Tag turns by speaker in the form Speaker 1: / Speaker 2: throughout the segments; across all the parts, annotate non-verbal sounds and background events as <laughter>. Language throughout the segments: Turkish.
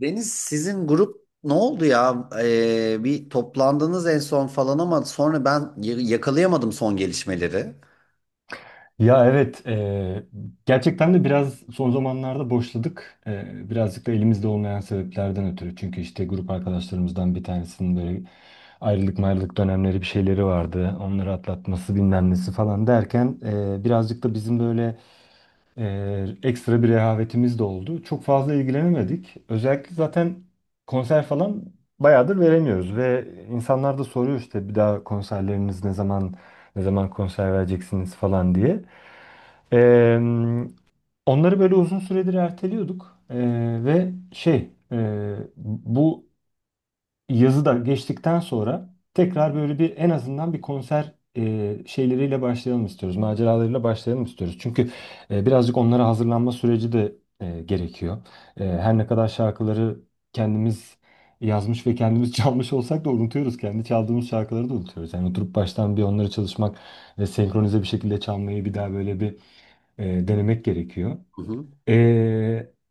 Speaker 1: Deniz, sizin grup ne oldu ya? Bir toplandınız en son falan ama sonra yakalayamadım son gelişmeleri.
Speaker 2: Ya evet, gerçekten de biraz son zamanlarda boşladık. Birazcık da elimizde olmayan sebeplerden ötürü. Çünkü işte grup arkadaşlarımızdan bir tanesinin böyle ayrılık mayrılık dönemleri bir şeyleri vardı. Onları atlatması bilmem nesi falan derken birazcık da bizim böyle ekstra bir rehavetimiz de oldu. Çok fazla ilgilenemedik. Özellikle zaten konser falan bayağıdır veremiyoruz ve insanlar da soruyor işte bir daha konserleriniz ne zaman konser vereceksiniz falan diye. Ee, Onları böyle uzun süredir erteliyorduk. Ve şey bu yazı da geçtikten sonra tekrar böyle bir en azından bir konser şeyleriyle başlayalım istiyoruz. Maceralarıyla başlayalım istiyoruz. Çünkü birazcık onlara hazırlanma süreci de gerekiyor. Her ne kadar şarkıları kendimiz yazmış ve kendimiz <laughs> çalmış olsak da unutuyoruz. Kendi çaldığımız şarkıları da unutuyoruz. Yani oturup baştan bir onları çalışmak ve senkronize bir şekilde çalmayı bir daha böyle bir denemek gerekiyor.
Speaker 1: Hı hı.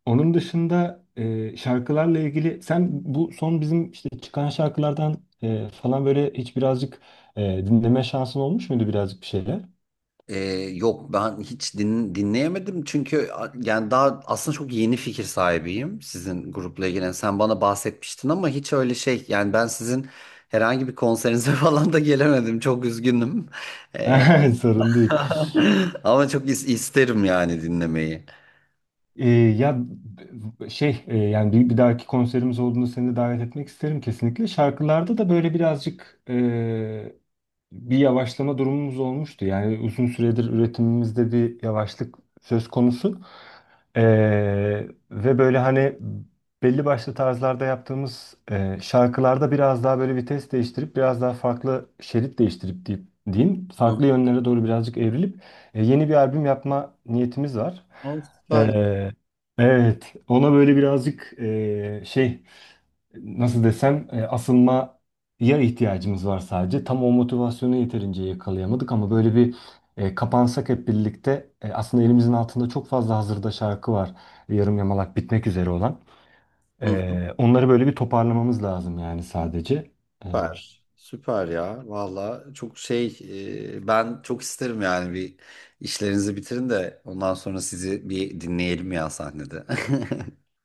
Speaker 2: Onun dışında şarkılarla ilgili sen bu son bizim işte çıkan şarkılardan falan böyle hiç birazcık e, dinleme şansın olmuş muydu birazcık bir şeyler?
Speaker 1: Ee, Yok, ben hiç dinleyemedim çünkü yani daha aslında çok yeni fikir sahibiyim sizin grupla ilgili. Yani sen bana bahsetmiştin ama hiç öyle şey, yani ben sizin herhangi bir konserinize <laughs> falan da gelemedim. Çok üzgünüm.
Speaker 2: <laughs> Sorun değil.
Speaker 1: <laughs> Ama çok isterim yani dinlemeyi.
Speaker 2: Ya şey yani bir dahaki konserimiz olduğunda seni de davet etmek isterim kesinlikle. Şarkılarda da böyle birazcık bir yavaşlama durumumuz olmuştu. Yani uzun süredir üretimimizde bir yavaşlık söz konusu. Ee, Ve böyle hani belli başlı tarzlarda yaptığımız şarkılarda biraz daha böyle vites değiştirip biraz daha farklı şerit değiştirip deyip, diyeyim
Speaker 1: Hı.
Speaker 2: farklı yönlere doğru birazcık evrilip yeni bir albüm yapma niyetimiz var.
Speaker 1: O süper.
Speaker 2: Ee, evet, ona böyle birazcık şey, nasıl desem, asılmaya ihtiyacımız var sadece. Tam o motivasyonu yeterince yakalayamadık ama böyle bir kapansak hep birlikte aslında elimizin altında çok fazla hazırda şarkı var. Yarım yamalak bitmek üzere olan.
Speaker 1: Hı.
Speaker 2: Onları böyle bir toparlamamız lazım yani sadece. E,
Speaker 1: Süper. Süper ya. Valla çok şey, ben çok isterim yani bir, işlerinizi bitirin de ondan sonra sizi bir dinleyelim ya sahnede. <laughs>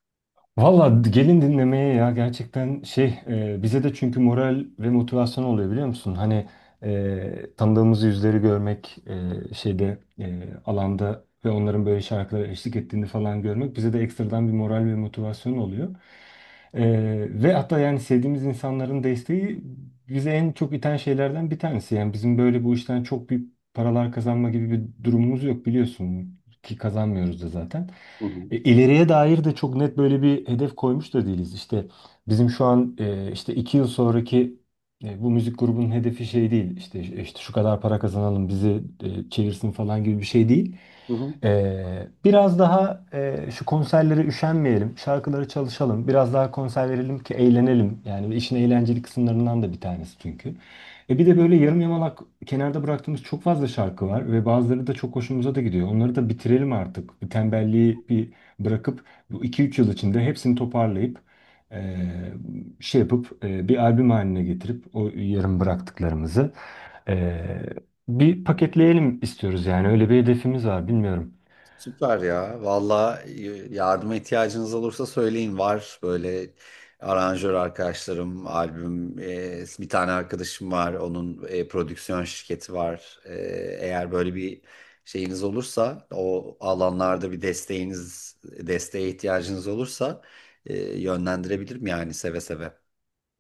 Speaker 2: Valla gelin dinlemeye ya gerçekten şey bize de çünkü moral ve motivasyon oluyor, biliyor musun? Hani tanıdığımız yüzleri görmek şeyde alanda ve onların böyle şarkılara eşlik ettiğini falan görmek bize de ekstradan bir moral ve motivasyon oluyor. E, Ve hatta yani sevdiğimiz insanların desteği bize en çok iten şeylerden bir tanesi. Yani bizim böyle bu işten çok büyük paralar kazanma gibi bir durumumuz yok, biliyorsun ki kazanmıyoruz da zaten.
Speaker 1: Hı hı.
Speaker 2: İleriye dair de çok net böyle bir hedef koymuş da değiliz. İşte bizim şu an işte 2 yıl sonraki bu müzik grubunun hedefi şey değil. İşte şu kadar para kazanalım bizi çevirsin falan gibi bir şey değil.
Speaker 1: Hı
Speaker 2: Biraz daha şu konserlere üşenmeyelim, şarkıları çalışalım, biraz daha konser verelim ki eğlenelim. Yani işin eğlenceli kısımlarından da bir tanesi çünkü.
Speaker 1: hı.
Speaker 2: Bir de böyle yarım yamalak kenarda bıraktığımız çok fazla şarkı var ve bazıları da çok hoşumuza da gidiyor. Onları da bitirelim artık. Bu tembelliği bir bırakıp bu 2-3 yıl içinde hepsini toparlayıp e, şey yapıp bir albüm haline getirip o yarım bıraktıklarımızı e, bir paketleyelim istiyoruz yani öyle bir hedefimiz var, bilmiyorum.
Speaker 1: Süper ya. Valla yardıma ihtiyacınız olursa söyleyin. Var böyle aranjör arkadaşlarım, albüm, bir tane arkadaşım var. Onun prodüksiyon şirketi var. Eğer böyle bir şeyiniz olursa, o alanlarda bir desteğiniz, desteğe ihtiyacınız olursa, yönlendirebilirim yani seve seve.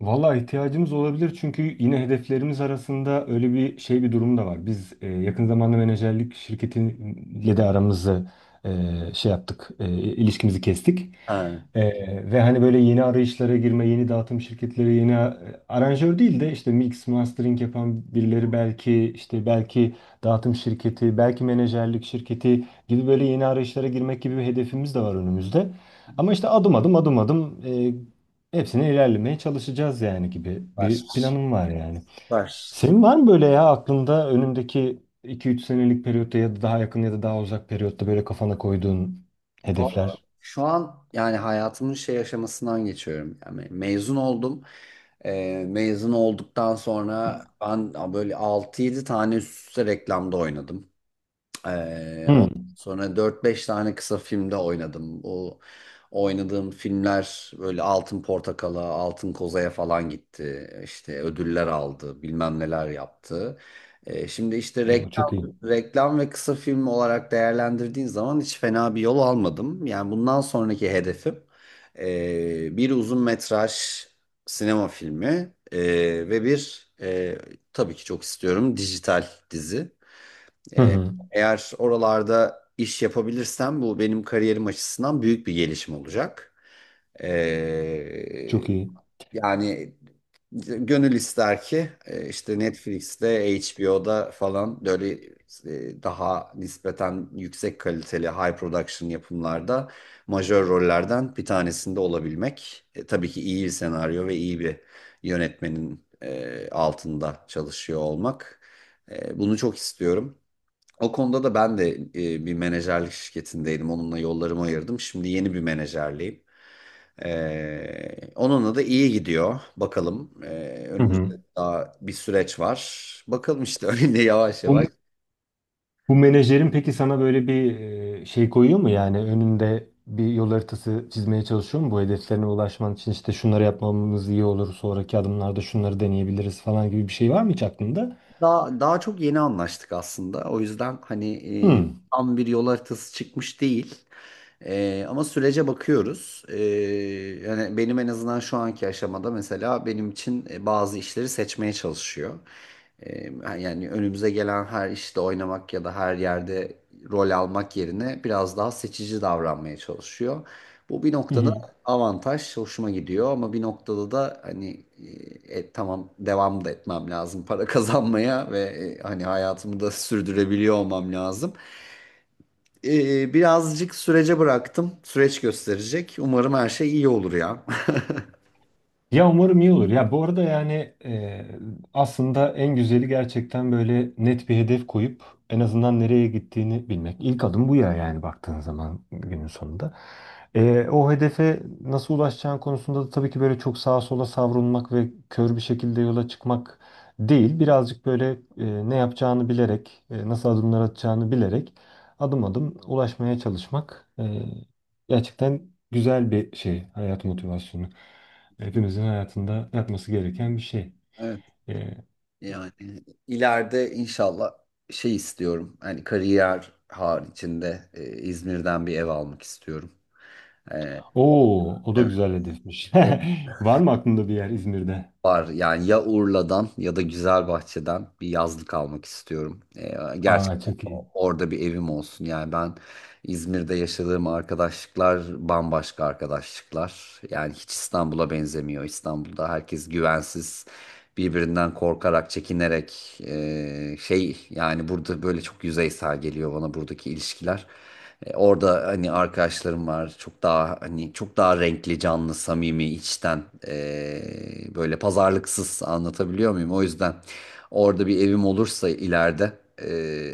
Speaker 2: Valla ihtiyacımız olabilir çünkü yine hedeflerimiz arasında öyle bir şey bir durum da var. Biz yakın zamanda menajerlik şirketiyle de aramızı e, şey yaptık, ilişkimizi kestik.
Speaker 1: Ha.
Speaker 2: E, Ve hani böyle yeni arayışlara girme, yeni dağıtım şirketleri, yeni aranjör değil de işte mix, mastering yapan birileri, belki işte belki dağıtım şirketi, belki menajerlik şirketi gibi böyle yeni arayışlara girmek gibi bir hedefimiz de var önümüzde. Ama işte adım adım adım adım hepsine ilerlemeye çalışacağız yani gibi
Speaker 1: Var.
Speaker 2: bir planım var yani.
Speaker 1: Var.
Speaker 2: Senin var mı böyle ya aklında önündeki 2-3 senelik periyotta ya da daha yakın ya da daha uzak periyotta böyle kafana koyduğun
Speaker 1: Valla
Speaker 2: hedefler?
Speaker 1: şu an yani hayatımın şey aşamasından geçiyorum. Yani mezun oldum. Mezun olduktan sonra ben böyle altı yedi tane üst üste reklamda oynadım.
Speaker 2: Hı.
Speaker 1: Ondan sonra dört beş tane kısa filmde oynadım. O oynadığım filmler böyle Altın Portakal'a, Altın Koza'ya falan gitti. İşte ödüller aldı, bilmem neler yaptı. Şimdi işte
Speaker 2: Aa, çok iyi.
Speaker 1: reklam ve kısa film olarak değerlendirdiğin zaman hiç fena bir yol almadım. Yani bundan sonraki hedefim bir uzun metraj sinema filmi ve bir tabii ki çok istiyorum, dijital dizi.
Speaker 2: Hı hı.
Speaker 1: Eğer oralarda iş yapabilirsem bu benim kariyerim açısından büyük bir gelişim olacak.
Speaker 2: Çok
Speaker 1: Ee,
Speaker 2: iyi.
Speaker 1: Yani gönül ister ki işte Netflix'te, HBO'da falan böyle, daha nispeten yüksek kaliteli high production yapımlarda majör rollerden bir tanesinde olabilmek. Tabii ki iyi bir senaryo ve iyi bir yönetmenin altında çalışıyor olmak. Bunu çok istiyorum. O konuda da ben de bir menajerlik şirketindeydim. Onunla yollarımı ayırdım. Şimdi yeni bir menajerliyim. Onunla da iyi gidiyor. Bakalım.
Speaker 2: Hı hı.
Speaker 1: Önümüzde daha bir süreç var. Bakalım işte <laughs> öyle yavaş yavaş.
Speaker 2: Bu, bu menajerin peki sana böyle bir şey koyuyor mu yani önünde bir yol haritası çizmeye çalışıyor mu bu hedeflerine ulaşman için işte şunları yapmamız iyi olur, sonraki adımlarda şunları deneyebiliriz falan gibi bir şey var mı hiç aklında?
Speaker 1: Daha çok yeni anlaştık aslında. O yüzden hani, e,
Speaker 2: Hı.
Speaker 1: tam bir yol haritası çıkmış değil. Ama sürece bakıyoruz. Yani benim en azından şu anki aşamada, mesela benim için, bazı işleri seçmeye çalışıyor. Ee, Yani önümüze gelen her işte oynamak ya da her yerde rol almak yerine biraz daha seçici davranmaya çalışıyor. Bu bir
Speaker 2: Hı
Speaker 1: noktada
Speaker 2: hı.
Speaker 1: avantaj, hoşuma gidiyor ama bir noktada da hani, tamam, devam da etmem lazım para <laughs> kazanmaya ve e, hani hayatımı da sürdürebiliyor olmam lazım. Birazcık sürece bıraktım. Süreç gösterecek. Umarım her şey iyi olur ya.
Speaker 2: Ya umarım iyi olur. Ya bu arada yani aslında en güzeli gerçekten böyle net bir hedef koyup en azından nereye gittiğini bilmek. İlk adım bu ya yani baktığın zaman günün sonunda. O hedefe nasıl ulaşacağın konusunda da tabii ki böyle çok sağa sola savrulmak ve kör bir şekilde yola çıkmak değil. Birazcık böyle ne yapacağını bilerek, nasıl adımlar atacağını bilerek adım adım ulaşmaya çalışmak gerçekten güzel bir şey, hayat motivasyonu. Hepimizin hayatında yapması gereken bir şey.
Speaker 1: <laughs>
Speaker 2: Ee,
Speaker 1: Yani ileride inşallah şey istiyorum. Hani kariyer haricinde, İzmir'den bir ev almak istiyorum. E,
Speaker 2: Oo, o da
Speaker 1: evet,
Speaker 2: güzel hedefmiş.
Speaker 1: o,
Speaker 2: <laughs> Var mı aklında bir yer İzmir'de?
Speaker 1: var yani, ya Urla'dan ya da Güzelbahçe'den bir yazlık almak istiyorum.
Speaker 2: Aa,
Speaker 1: Gerçekten
Speaker 2: çok iyi.
Speaker 1: orada bir evim olsun. Yani ben İzmir'de yaşadığım arkadaşlıklar bambaşka arkadaşlıklar. Yani hiç İstanbul'a benzemiyor. İstanbul'da herkes güvensiz, birbirinden korkarak, çekinerek, şey, yani burada böyle çok yüzeysel geliyor bana buradaki ilişkiler. Orada hani arkadaşlarım var. Çok daha hani, çok daha renkli, canlı, samimi, içten, böyle pazarlıksız, anlatabiliyor muyum? O yüzden orada bir evim olursa ileride,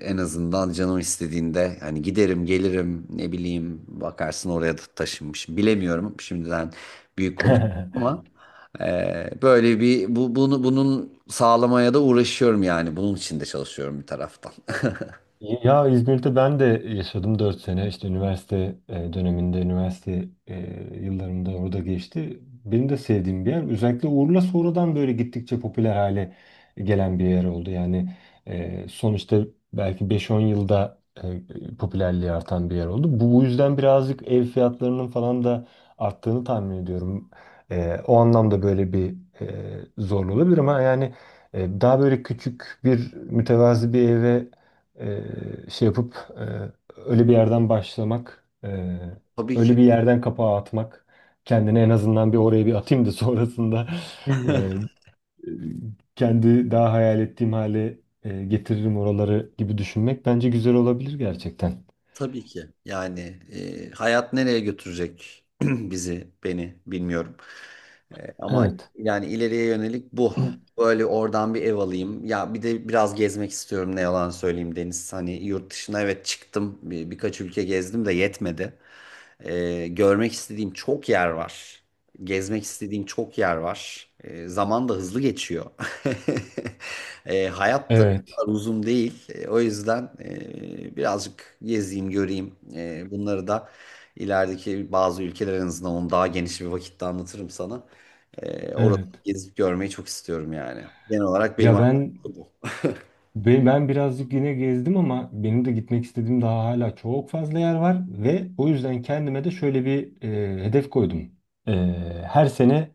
Speaker 1: en azından canım istediğinde hani giderim, gelirim, ne bileyim, bakarsın oraya da taşınmış. Bilemiyorum. Şimdiden büyük konuş
Speaker 2: <laughs>
Speaker 1: ama böyle bir bu, bunun sağlamaya da uğraşıyorum yani. Bunun için de çalışıyorum bir taraftan. <laughs>
Speaker 2: Ya İzmir'de ben de yaşadım 4 sene. İşte üniversite döneminde, üniversite yıllarımda orada geçti. Benim de sevdiğim bir yer. Özellikle Urla sonradan böyle gittikçe popüler hale gelen bir yer oldu. Yani sonuçta belki 5-10 yılda popülerliği artan bir yer oldu. Bu yüzden birazcık ev fiyatlarının falan da arttığını tahmin ediyorum. O anlamda böyle bir e, zorlu olabilir ama yani daha böyle küçük bir mütevazi bir eve e, şey yapıp öyle bir yerden başlamak,
Speaker 1: Tabii ki
Speaker 2: öyle bir yerden kapağı atmak, kendine en azından bir oraya bir atayım da sonrasında <laughs> e, kendi daha hayal ettiğim hale getiririm oraları gibi düşünmek bence güzel olabilir gerçekten.
Speaker 1: Tabii ki. Yani, hayat nereye götürecek <clears throat> bizi, beni, bilmiyorum. Ama
Speaker 2: Evet.
Speaker 1: yani ileriye yönelik bu.
Speaker 2: <clears throat>
Speaker 1: Böyle oradan bir ev alayım. Ya bir de biraz gezmek istiyorum, ne yalan söyleyeyim Deniz. Hani yurt dışına evet çıktım. Birkaç ülke gezdim de yetmedi. Görmek istediğim çok yer var. Gezmek istediğim çok yer var. Zaman da hızlı geçiyor. <laughs> Hayat da
Speaker 2: Evet,
Speaker 1: kadar uzun değil. O yüzden birazcık gezeyim, göreyim. Bunları da ilerideki bazı ülkeler, en azından onu daha geniş bir vakitte anlatırım sana. Orada
Speaker 2: evet.
Speaker 1: gezip görmeyi çok istiyorum yani. Genel olarak benim
Speaker 2: Ya
Speaker 1: aklımda
Speaker 2: ben
Speaker 1: bu.
Speaker 2: ben, ben birazcık yine gezdim ama benim de gitmek istediğim daha hala çok fazla yer var ve o yüzden kendime de şöyle bir hedef koydum. E, Her sene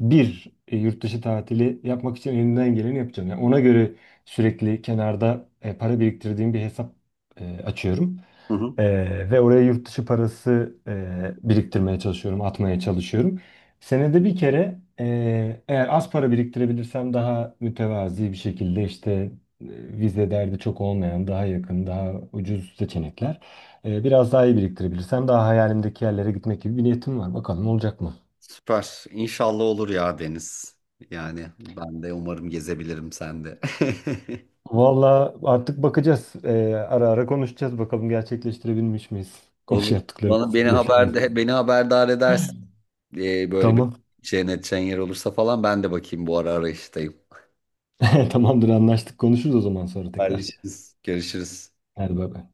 Speaker 2: bir yurt dışı tatili yapmak için elimden geleni yapacağım. Yani ona göre sürekli kenarda para biriktirdiğim bir hesap açıyorum.
Speaker 1: Hı hı.
Speaker 2: E, Ve oraya yurt dışı parası biriktirmeye çalışıyorum, atmaya çalışıyorum. Senede bir kere eğer az para biriktirebilirsem daha mütevazi bir şekilde işte e, vize derdi çok olmayan, daha yakın, daha ucuz seçenekler. Biraz daha iyi biriktirebilirsem daha hayalimdeki yerlere gitmek gibi bir niyetim var. Bakalım olacak mı?
Speaker 1: Süper. İnşallah olur ya Deniz. Yani ben de umarım gezebilirim, sen de.
Speaker 2: Valla artık bakacağız. Ara ara konuşacağız. Bakalım gerçekleştirebilmiş miyiz?
Speaker 1: <laughs>
Speaker 2: Konuş
Speaker 1: Olur. Bana
Speaker 2: yaptıklarımızı,
Speaker 1: beni
Speaker 2: hedeflerimizi.
Speaker 1: haberde beni haberdar edersin. Böyle bir
Speaker 2: Tamam.
Speaker 1: cennet yer olursa falan ben de bakayım, bu ara arayıştayım.
Speaker 2: <laughs> Tamamdır, anlaştık. Konuşuruz o zaman sonra tekrar.
Speaker 1: Haberleşiriz. Görüşürüz.
Speaker 2: Hadi bay bay.